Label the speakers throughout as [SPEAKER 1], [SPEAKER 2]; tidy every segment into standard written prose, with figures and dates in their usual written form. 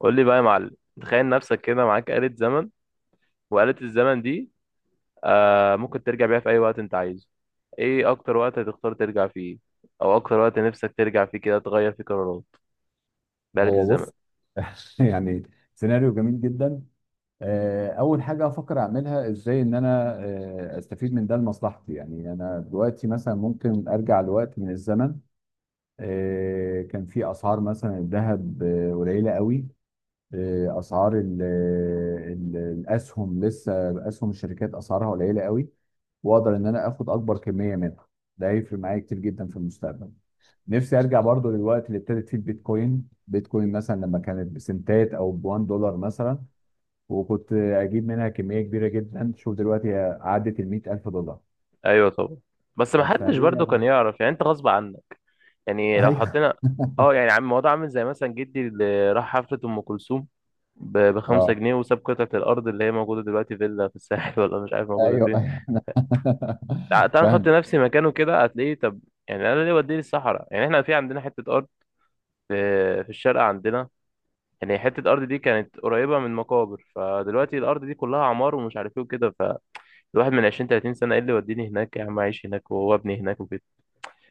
[SPEAKER 1] قول لي بقى يا معلم. تخيل نفسك كده معاك آلة زمن، وآلة الزمن دي ممكن ترجع بيها في أي وقت أنت عايزه. إيه أكتر وقت هتختار ترجع فيه، أو أكتر وقت نفسك ترجع فيه كده تغير فيه قرارات بآلة
[SPEAKER 2] هو
[SPEAKER 1] الزمن؟
[SPEAKER 2] بص. يعني سيناريو جميل جدا. اول حاجه افكر اعملها ازاي ان انا استفيد من ده لمصلحتي. يعني انا دلوقتي مثلا ممكن ارجع لوقت من الزمن كان في اسعار مثلا الذهب قليله قوي. اسعار ال ال الاسهم لسه اسهم الشركات اسعارها قليله قوي، واقدر ان انا اخد اكبر كميه منها. ده هيفرق معايا كتير جدا في المستقبل. نفسي ارجع برضو للوقت اللي ابتدت فيه البيتكوين مثلا، لما كانت بسنتات او بوان دولار مثلا وكنت اجيب منها كميه كبيره جدا. شوف دلوقتي هي عدت ال $100,000.
[SPEAKER 1] أيوه طبعا، بس محدش
[SPEAKER 2] فهي
[SPEAKER 1] برضه كان يعرف، يعني أنت غصب عنك. يعني لو
[SPEAKER 2] ايوه.
[SPEAKER 1] حطينا يعني عم الموضوع عامل زي مثلا جدي اللي راح حفلة أم كلثوم بخمسة
[SPEAKER 2] اه،
[SPEAKER 1] جنيه وساب قطعة الأرض اللي هي موجودة دلوقتي فيلا في الساحل ولا مش عارف موجودة
[SPEAKER 2] ايوه.
[SPEAKER 1] فين.
[SPEAKER 2] انا
[SPEAKER 1] تعال نحط
[SPEAKER 2] فاهم.
[SPEAKER 1] نفسي مكانه، كده هتلاقيه. طب يعني انا ليه وديني الصحراء؟ يعني احنا في عندنا حتة ارض في في الشارقة عندنا. يعني حتة الارض دي كانت قريبة من مقابر، فدلوقتي الارض دي كلها عمار ومش عارف ايه وكده. فالواحد من 20 30 سنة، ايه اللي وديني هناك يا عم؟ عايش هناك وابني هناك وكده.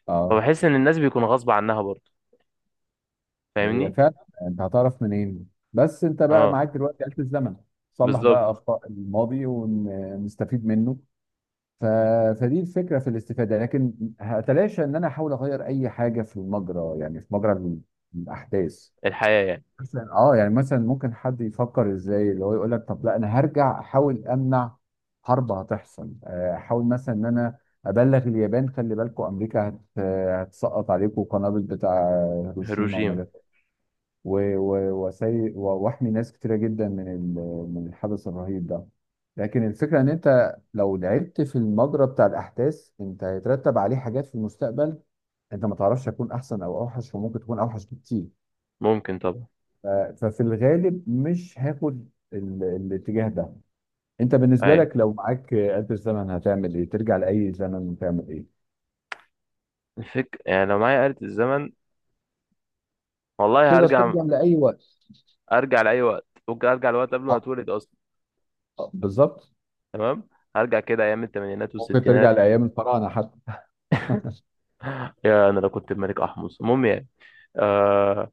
[SPEAKER 2] اه
[SPEAKER 1] فبحس ان الناس بيكون غصب عنها برضه،
[SPEAKER 2] هي
[SPEAKER 1] فاهمني.
[SPEAKER 2] فعلا. انت هتعرف منين؟ بس انت بقى
[SPEAKER 1] اه
[SPEAKER 2] معاك دلوقتي آلة الزمن. صلح بقى
[SPEAKER 1] بالظبط.
[SPEAKER 2] اخطاء الماضي ونستفيد منه. ف... فدي الفكره في الاستفاده، لكن هتلاشى ان انا احاول اغير اي حاجه في المجرى، يعني في مجرى الاحداث.
[SPEAKER 1] الحياة يعني.
[SPEAKER 2] مثلا اه يعني مثلا ممكن حد يفكر ازاي اللي هو يقول لك طب لا انا هرجع احاول امنع حرب هتحصل، احاول مثلا ان انا ابلغ اليابان خلي بالكم امريكا هتسقط عليكم قنابل بتاع هيروشيما
[SPEAKER 1] هيروشيما.
[SPEAKER 2] وناجازاكي. واحمي ناس كتيرة جدا من الحدث الرهيب ده. لكن الفكرة ان انت لو لعبت في المجرى بتاع الاحداث، انت هيترتب عليه حاجات في المستقبل. انت ما تعرفش هيكون احسن او اوحش، وممكن تكون اوحش بكتير.
[SPEAKER 1] ممكن طبعا.
[SPEAKER 2] ف- ففي الغالب مش هاخد الاتجاه ده. انت بالنسبة
[SPEAKER 1] ايوه.
[SPEAKER 2] لك لو معاك آلة الزمن هتعمل ايه؟ ترجع لأي زمن وتعمل ايه؟
[SPEAKER 1] الفكرة يعني لو معايا آلة الزمن، والله
[SPEAKER 2] تقدر
[SPEAKER 1] هرجع.
[SPEAKER 2] ترجع لأي وقت.
[SPEAKER 1] ارجع لأي وقت، ممكن ارجع لوقت قبل ما
[SPEAKER 2] آه،
[SPEAKER 1] اتولد اصلا.
[SPEAKER 2] بالظبط.
[SPEAKER 1] تمام. هرجع كده ايام الثمانينات
[SPEAKER 2] ممكن ترجع
[SPEAKER 1] والستينات.
[SPEAKER 2] لأيام الفراعنة حتى.
[SPEAKER 1] يا انا لو كنت الملك احمص، المهم يعني. آه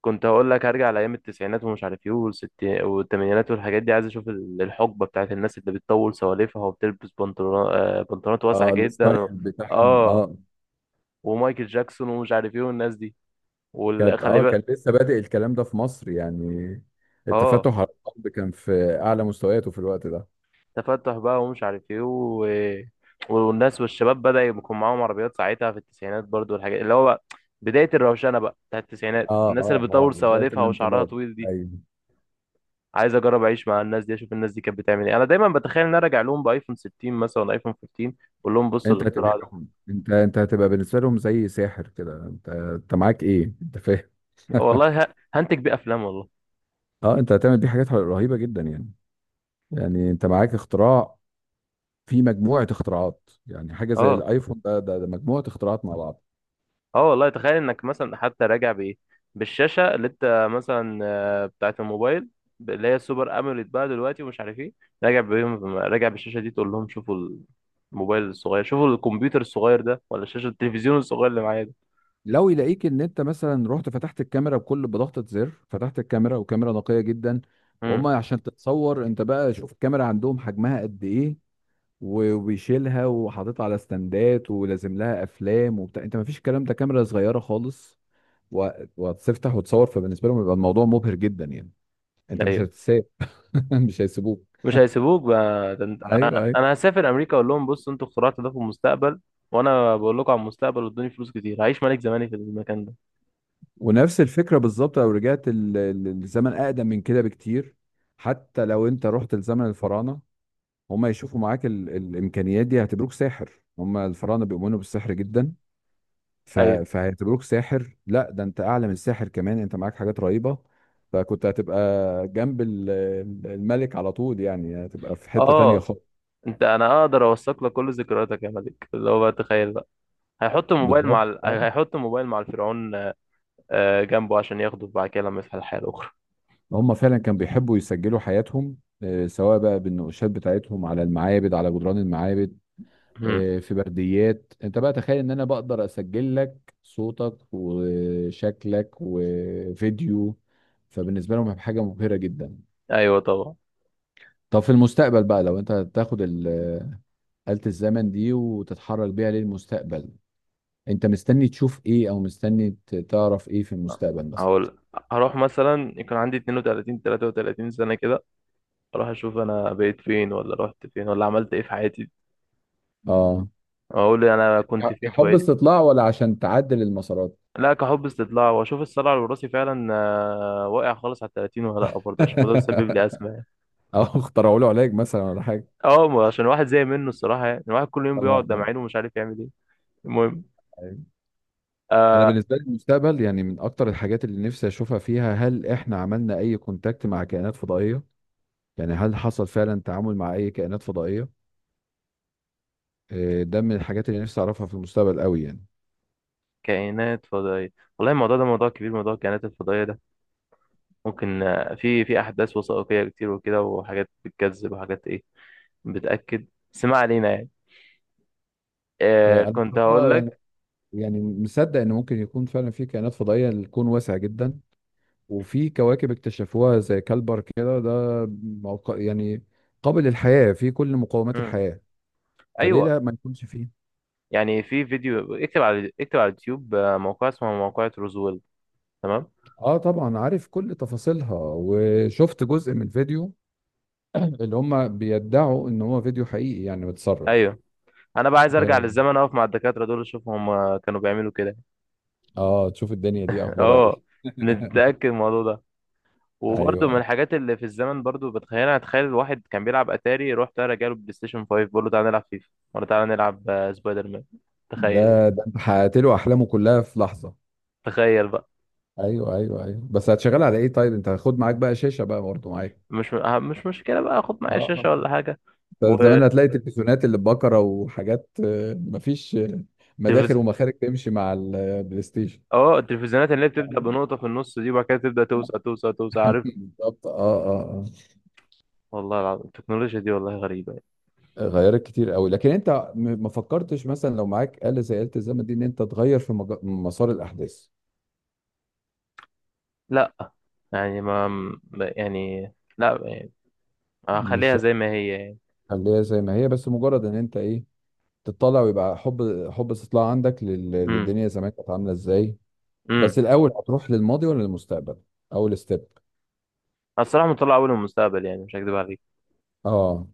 [SPEAKER 1] كنت هقول لك هرجع لايام التسعينات ومش عارف ايه، والثمانينات والحاجات دي. عايز اشوف الحقبه بتاعت الناس اللي بتطول سواليفها وبتلبس بنطلون، بنطلونات واسعه
[SPEAKER 2] اه
[SPEAKER 1] جدا
[SPEAKER 2] الستايل بتاعهم
[SPEAKER 1] اه
[SPEAKER 2] اه
[SPEAKER 1] ومايكل جاكسون ومش عارف ايه والناس دي.
[SPEAKER 2] كانت
[SPEAKER 1] وخلي
[SPEAKER 2] اه
[SPEAKER 1] بالك.
[SPEAKER 2] كان لسه بادئ الكلام ده في مصر يعني.
[SPEAKER 1] اه
[SPEAKER 2] التفتح على الارض كان في اعلى مستوياته في الوقت ده.
[SPEAKER 1] تفتح بقى ومش عارف ايه والناس والشباب بدأ يكون معاهم عربيات ساعتها في التسعينات برضو، والحاجات اللي هو بقى بداية الروشنة بقى بتاع التسعينات،
[SPEAKER 2] اه
[SPEAKER 1] الناس
[SPEAKER 2] اه
[SPEAKER 1] اللي
[SPEAKER 2] اه
[SPEAKER 1] بتطول
[SPEAKER 2] بداية
[SPEAKER 1] سوالفها وشعرها
[SPEAKER 2] الانقلاب.
[SPEAKER 1] طويل دي.
[SPEAKER 2] ايوه.
[SPEAKER 1] عايز اجرب اعيش مع الناس دي اشوف الناس دي كانت بتعمل ايه. انا دايما بتخيل ان انا ارجع لهم بايفون 60 مثلا ولا ايفون 15، اقول لهم بصوا
[SPEAKER 2] انت
[SPEAKER 1] الاختراع ده.
[SPEAKER 2] هتبهرهم، انت انت هتبقى بالنسبه لهم زي ساحر كده. انت انت معاك ايه؟ انت فاهم؟
[SPEAKER 1] والله هنتج بيه افلام والله.
[SPEAKER 2] اه انت هتعمل بيه حاجات رهيبه جدا يعني. يعني انت معاك اختراع، في مجموعه اختراعات، يعني حاجه زي
[SPEAKER 1] اه
[SPEAKER 2] الايفون ده مجموعه اختراعات مع بعض.
[SPEAKER 1] اه والله تخيل انك مثلا حتى راجع بايه، بالشاشه اللي انت مثلا بتاعه الموبايل، اللي هي السوبر اموليد بقى دلوقتي ومش عارف ايه، راجع بيهم، راجع بالشاشه دي تقول لهم شوفوا الموبايل الصغير، شوفوا الكمبيوتر الصغير ده، ولا شاشه التلفزيون الصغير اللي معايا ده.
[SPEAKER 2] لو يلاقيك ان انت مثلا رحت فتحت الكاميرا بكل بضغطة زر، فتحت الكاميرا وكاميرا نقية جدا. وهم
[SPEAKER 1] امم.
[SPEAKER 2] عشان تتصور انت بقى شوف الكاميرا عندهم حجمها قد ايه. وبيشيلها وحاططها على ستاندات ولازم لها افلام وبتاع. انت ما فيش الكلام ده، كاميرا صغيرة خالص. و- وهتفتح وتصور. فبالنسبة لهم يبقى الموضوع مبهر جدا يعني. انت مش
[SPEAKER 1] ايوه
[SPEAKER 2] هتتساب. مش هيسيبوك.
[SPEAKER 1] مش هيسيبوك بقى. ده انا
[SPEAKER 2] ايوه ايوه.
[SPEAKER 1] أنا هسافر امريكا اقول لهم بصوا انتوا اخترعتوا ده في المستقبل، وانا بقول لكم على المستقبل، وادوني فلوس كتير هعيش ملك زماني في المكان ده.
[SPEAKER 2] ونفس الفكرة بالظبط لو رجعت الزمن اقدم من كده بكتير. حتى لو انت رحت لزمن الفراعنة، هم يشوفوا معاك الامكانيات دي هيعتبروك ساحر. هم الفراعنه بيؤمنوا بالسحر جدا.
[SPEAKER 1] ايوه.
[SPEAKER 2] فهيعتبروك ساحر. لا ده انت اعلى من الساحر كمان، انت معاك حاجات رهيبه. فكنت هتبقى جنب الملك على طول، يعني هتبقى في حته تانية
[SPEAKER 1] اه.
[SPEAKER 2] خالص.
[SPEAKER 1] انت، انا اقدر اوثق لك كل ذكرياتك يا ملك، اللي هو بقى تخيل بقى. هيحط الموبايل مع
[SPEAKER 2] بالظبط اه.
[SPEAKER 1] هيحط الموبايل مع الفرعون جنبه عشان ياخده بعد كده لما يفتح الحياة الأخرى.
[SPEAKER 2] هم فعلا كانوا بيحبوا يسجلوا حياتهم، سواء بقى بالنقوشات بتاعتهم على المعابد على جدران المعابد.
[SPEAKER 1] مم.
[SPEAKER 2] في برديات. انت بقى تخيل ان انا بقدر اسجل لك صوتك وشكلك وفيديو. فبالنسبه لهم هيبقى حاجه مبهره جدا.
[SPEAKER 1] أيوه طبعا.
[SPEAKER 2] طب في المستقبل بقى لو انت هتاخد آلة الزمن دي وتتحرك بيها للمستقبل، انت مستني تشوف ايه او مستني تعرف ايه في المستقبل مثلا؟
[SPEAKER 1] هقول هروح مثلا يكون عندي 32 33 سنة كده، أروح أشوف أنا بقيت فين ولا رحت فين ولا عملت إيه في حياتي.
[SPEAKER 2] اه
[SPEAKER 1] أقول أنا كنت فين
[SPEAKER 2] كحب
[SPEAKER 1] وبقيت فين.
[SPEAKER 2] استطلاع ولا عشان تعدل المسارات؟
[SPEAKER 1] لا، كحب استطلاع، وأشوف الصلع الوراثي فعلا واقع خالص على التلاتين ولا لأ، برضه عشان ده سبب لي أزمة يعني.
[SPEAKER 2] او اخترعوا له علاج مثلا ولا حاجه.
[SPEAKER 1] أه ما عشان واحد زي منه الصراحة يعني، الواحد كل يوم بيقعد ده
[SPEAKER 2] اه
[SPEAKER 1] معينه ومش عارف يعمل إيه. المهم.
[SPEAKER 2] انا
[SPEAKER 1] آه،
[SPEAKER 2] بالنسبه لي المستقبل يعني من اكتر الحاجات اللي نفسي اشوفها فيها، هل احنا عملنا اي كونتاكت مع كائنات فضائيه؟ يعني هل حصل فعلا تعامل مع اي كائنات فضائيه؟ ده من الحاجات اللي نفسي اعرفها في المستقبل قوي يعني.
[SPEAKER 1] كائنات فضائية. والله الموضوع ده موضوع كبير، موضوع الكائنات الفضائية ده ممكن في أحداث وثائقية كتير وكده، وحاجات بتكذب وحاجات إيه، بتأكد. بس ما علينا يعني. آه
[SPEAKER 2] انا
[SPEAKER 1] كنت هقول
[SPEAKER 2] بصراحه
[SPEAKER 1] لك.
[SPEAKER 2] يعني يعني مصدق ان ممكن يكون فعلا في كائنات فضائيه. الكون واسع جدا، وفي كواكب اكتشفوها زي كالبر كده ده يعني قابل للحياه، في كل مقومات
[SPEAKER 1] مم.
[SPEAKER 2] الحياه. فليه
[SPEAKER 1] أيوه.
[SPEAKER 2] لا ما يكونش فيه؟
[SPEAKER 1] يعني في فيديو، اكتب على اليوتيوب موقع اسمه موقع روزويل. تمام.
[SPEAKER 2] اه طبعا عارف كل تفاصيلها، وشفت جزء من فيديو اللي هم بيدعوا ان هو فيديو حقيقي يعني متسرب.
[SPEAKER 1] أيوه. أنا بقى عايز أرجع
[SPEAKER 2] اه
[SPEAKER 1] للزمن أقف مع الدكاترة دول أشوف هم كانوا بيعملوا كده.
[SPEAKER 2] تشوف الدنيا دي اخبارها
[SPEAKER 1] أه
[SPEAKER 2] ايه.
[SPEAKER 1] نتأكد من الموضوع ده. وبرضه
[SPEAKER 2] ايوه
[SPEAKER 1] من
[SPEAKER 2] ايوه.
[SPEAKER 1] الحاجات اللي في الزمن برضه بتخيلها، اتخيل الواحد كان بيلعب اتاري، روح تعالى جاله بلاي ستيشن 5، بقول له تعالى نلعب فيفا، ولا تعالى نلعب سبايدر مان. تخيل.
[SPEAKER 2] ده ده انت حققت له احلامه كلها في لحظه.
[SPEAKER 1] تخيل بقى.
[SPEAKER 2] ايوه ايوه ايوه. بس هتشغل على ايه طيب؟ انت هتاخد معاك بقى شاشه بقى برضه معاك؟
[SPEAKER 1] مش مش مشكله بقى، خد
[SPEAKER 2] اه.
[SPEAKER 1] معايا شاشه ولا حاجه.
[SPEAKER 2] ده زمان هتلاقي تلفزيونات اللي ببكره وحاجات، آه، مفيش آه، مداخل
[SPEAKER 1] والتلفزيون،
[SPEAKER 2] ومخارج تمشي مع البلاي ستيشن.
[SPEAKER 1] اه التلفزيونات اللي هي بتبدا بنقطه في النص دي وبعد كده تبدا توسع توسع توسع، عارف.
[SPEAKER 2] بالظبط اه اه آه.
[SPEAKER 1] والله العظيم التكنولوجيا دي والله غريبه يعني.
[SPEAKER 2] غيرت كتير قوي. لكن انت ما فكرتش مثلا لو معاك آلة زي آلة الزمن دي ان انت تغير في مسار الاحداث؟
[SPEAKER 1] لا يعني يعني لا يعني هخليها
[SPEAKER 2] مش
[SPEAKER 1] زي ما هي يعني.
[SPEAKER 2] هتخليها زي ما هي؟ بس مجرد ان انت ايه تطلع ويبقى حب حب استطلاع عندك
[SPEAKER 1] امم.
[SPEAKER 2] للدنيا زمان كانت عامله ازاي.
[SPEAKER 1] امم.
[SPEAKER 2] بس الاول هتروح للماضي ولا للمستقبل؟ اول ستيب.
[SPEAKER 1] الصراحه مطلع اول المستقبل يعني مش هكدب عليك.
[SPEAKER 2] اه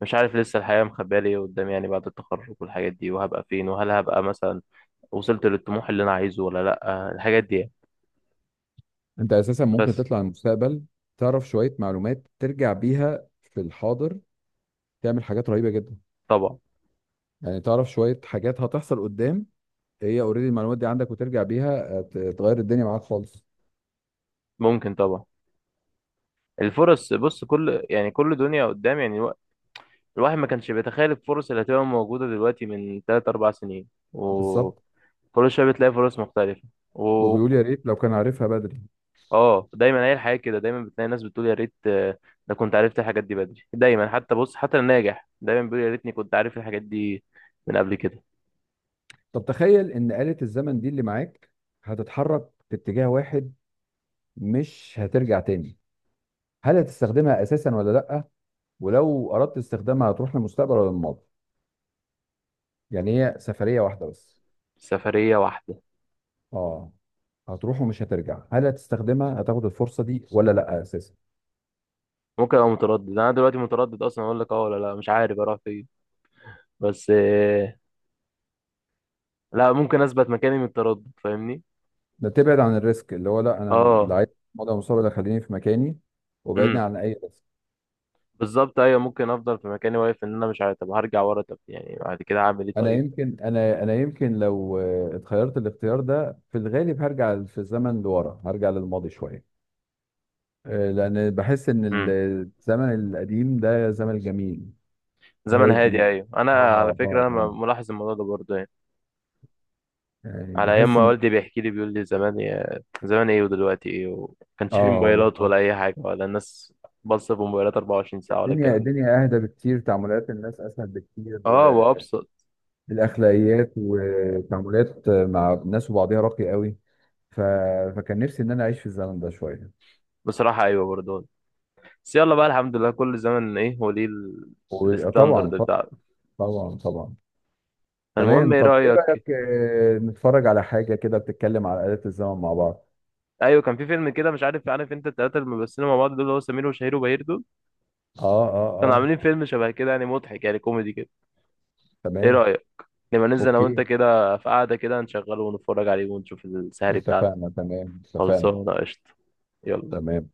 [SPEAKER 1] مش عارف لسه الحياة مخبية لي إيه قدام يعني، بعد التخرج والحاجات دي، وهبقى فين، وهل هبقى مثلا وصلت للطموح اللي انا عايزه ولا لا، الحاجات دي يعني.
[SPEAKER 2] انت اساسا ممكن
[SPEAKER 1] بس
[SPEAKER 2] تطلع المستقبل تعرف شويه معلومات ترجع بيها في الحاضر تعمل حاجات رهيبه جدا.
[SPEAKER 1] طبعا.
[SPEAKER 2] يعني تعرف شويه حاجات هتحصل قدام، هي اوريدي المعلومات دي عندك وترجع بيها تغير الدنيا معاك خالص.
[SPEAKER 1] ممكن طبعا. الفرص، بص كل يعني كل دنيا قدام يعني، الواحد ما كانش بيتخيل الفرص اللي هتبقى موجودة دلوقتي من 3 4 سنين،
[SPEAKER 2] بالظبط.
[SPEAKER 1] وكل شوية بتلاقي فرص مختلفة. و
[SPEAKER 2] وبيقول يا ريت لو كان عارفها بدري.
[SPEAKER 1] اه دايما هي الحياة كده، دايما بتلاقي ناس بتقول يا ريت ده كنت عرفت الحاجات دي بدري، دايما. حتى بص حتى الناجح دايما بيقول يا ريتني كنت عارف الحاجات دي من قبل كده.
[SPEAKER 2] طب تخيل ان آلة الزمن دي اللي معاك هتتحرك في اتجاه واحد، مش هترجع تاني. هل هتستخدمها اساسا ولا لا؟ ولو اردت استخدامها هتروح للمستقبل ولا للماضي؟ يعني هي سفرية واحدة بس.
[SPEAKER 1] سفرية واحدة.
[SPEAKER 2] اه هتروح ومش هترجع. هل هتستخدمها هتاخد الفرصة دي ولا لا اساسا؟
[SPEAKER 1] ممكن ابقى متردد، انا دلوقتي متردد اصلا اقول لك اه ولا لا، مش عارف اروح فين. بس لا ممكن اثبت مكاني من التردد، فاهمني.
[SPEAKER 2] ده تبعد عن الريسك، اللي هو لا انا لا
[SPEAKER 1] اه.
[SPEAKER 2] عايز الماضي ولا المستقبل، خليني في مكاني
[SPEAKER 1] امم.
[SPEAKER 2] وبعدني عن اي ريسك.
[SPEAKER 1] بالظبط ايوه، ممكن افضل في مكاني واقف ان انا مش عارف، طب هرجع ورا طب يعني بعد كده هعمل ايه
[SPEAKER 2] انا
[SPEAKER 1] طيب.
[SPEAKER 2] يمكن انا انا يمكن لو اتخيرت الاختيار ده في الغالب هرجع في الزمن لورا، هرجع للماضي شويه، لان بحس ان
[SPEAKER 1] امم.
[SPEAKER 2] الزمن القديم ده زمن جميل،
[SPEAKER 1] زمن هادي،
[SPEAKER 2] هادي.
[SPEAKER 1] ايوه انا على
[SPEAKER 2] اه اه
[SPEAKER 1] فكره انا
[SPEAKER 2] اه
[SPEAKER 1] ملاحظ الموضوع ده برضه يعني.
[SPEAKER 2] يعني
[SPEAKER 1] على ايام
[SPEAKER 2] بحس
[SPEAKER 1] ما
[SPEAKER 2] ان
[SPEAKER 1] والدي بيحكي لي بيقول لي زمان يا زمان ايه ودلوقتي ايه، وما كانش في
[SPEAKER 2] اه
[SPEAKER 1] موبايلات
[SPEAKER 2] بالظبط.
[SPEAKER 1] ولا اي حاجه ولا الناس. بص في موبايلات 24 ساعه ولا
[SPEAKER 2] الدنيا
[SPEAKER 1] الكلام ده.
[SPEAKER 2] الدنيا اهدى بكتير، تعاملات الناس اسهل بكتير.
[SPEAKER 1] اه
[SPEAKER 2] آه،
[SPEAKER 1] وابسط.
[SPEAKER 2] الاخلاقيات وتعاملات مع الناس وبعضها راقي قوي. ف... فكان نفسي ان انا اعيش في الزمن ده شويه.
[SPEAKER 1] بصراحه ايوه برضه. بس يلا بقى الحمد لله، كل زمن ايه هو ليه
[SPEAKER 2] وطبعا
[SPEAKER 1] الستاندرد
[SPEAKER 2] طبعا
[SPEAKER 1] بتاعه.
[SPEAKER 2] طبعا طبعا
[SPEAKER 1] المهم
[SPEAKER 2] تمام.
[SPEAKER 1] ايه
[SPEAKER 2] طب ايه
[SPEAKER 1] رأيك.
[SPEAKER 2] رأيك نتفرج على حاجة كده بتتكلم على آلة الزمن مع بعض؟
[SPEAKER 1] ايوه كان في فيلم كده، مش عارف، عارف انت التلاتة اللي بيمثلوا مع بعض دول، اللي هو سمير وشهير وبهير دول،
[SPEAKER 2] اه اه
[SPEAKER 1] كانوا
[SPEAKER 2] اه
[SPEAKER 1] عاملين فيلم شبه كده يعني، مضحك يعني كوميدي كده. ايه
[SPEAKER 2] تمام.
[SPEAKER 1] رأيك لما ننزل انا وانت
[SPEAKER 2] اوكي
[SPEAKER 1] كده في قعدة كده نشغله ونتفرج عليه ونشوف السهري بتاعته.
[SPEAKER 2] اتفقنا تمام اتفقنا
[SPEAKER 1] خلصانة قشطة. يلا.
[SPEAKER 2] تمام.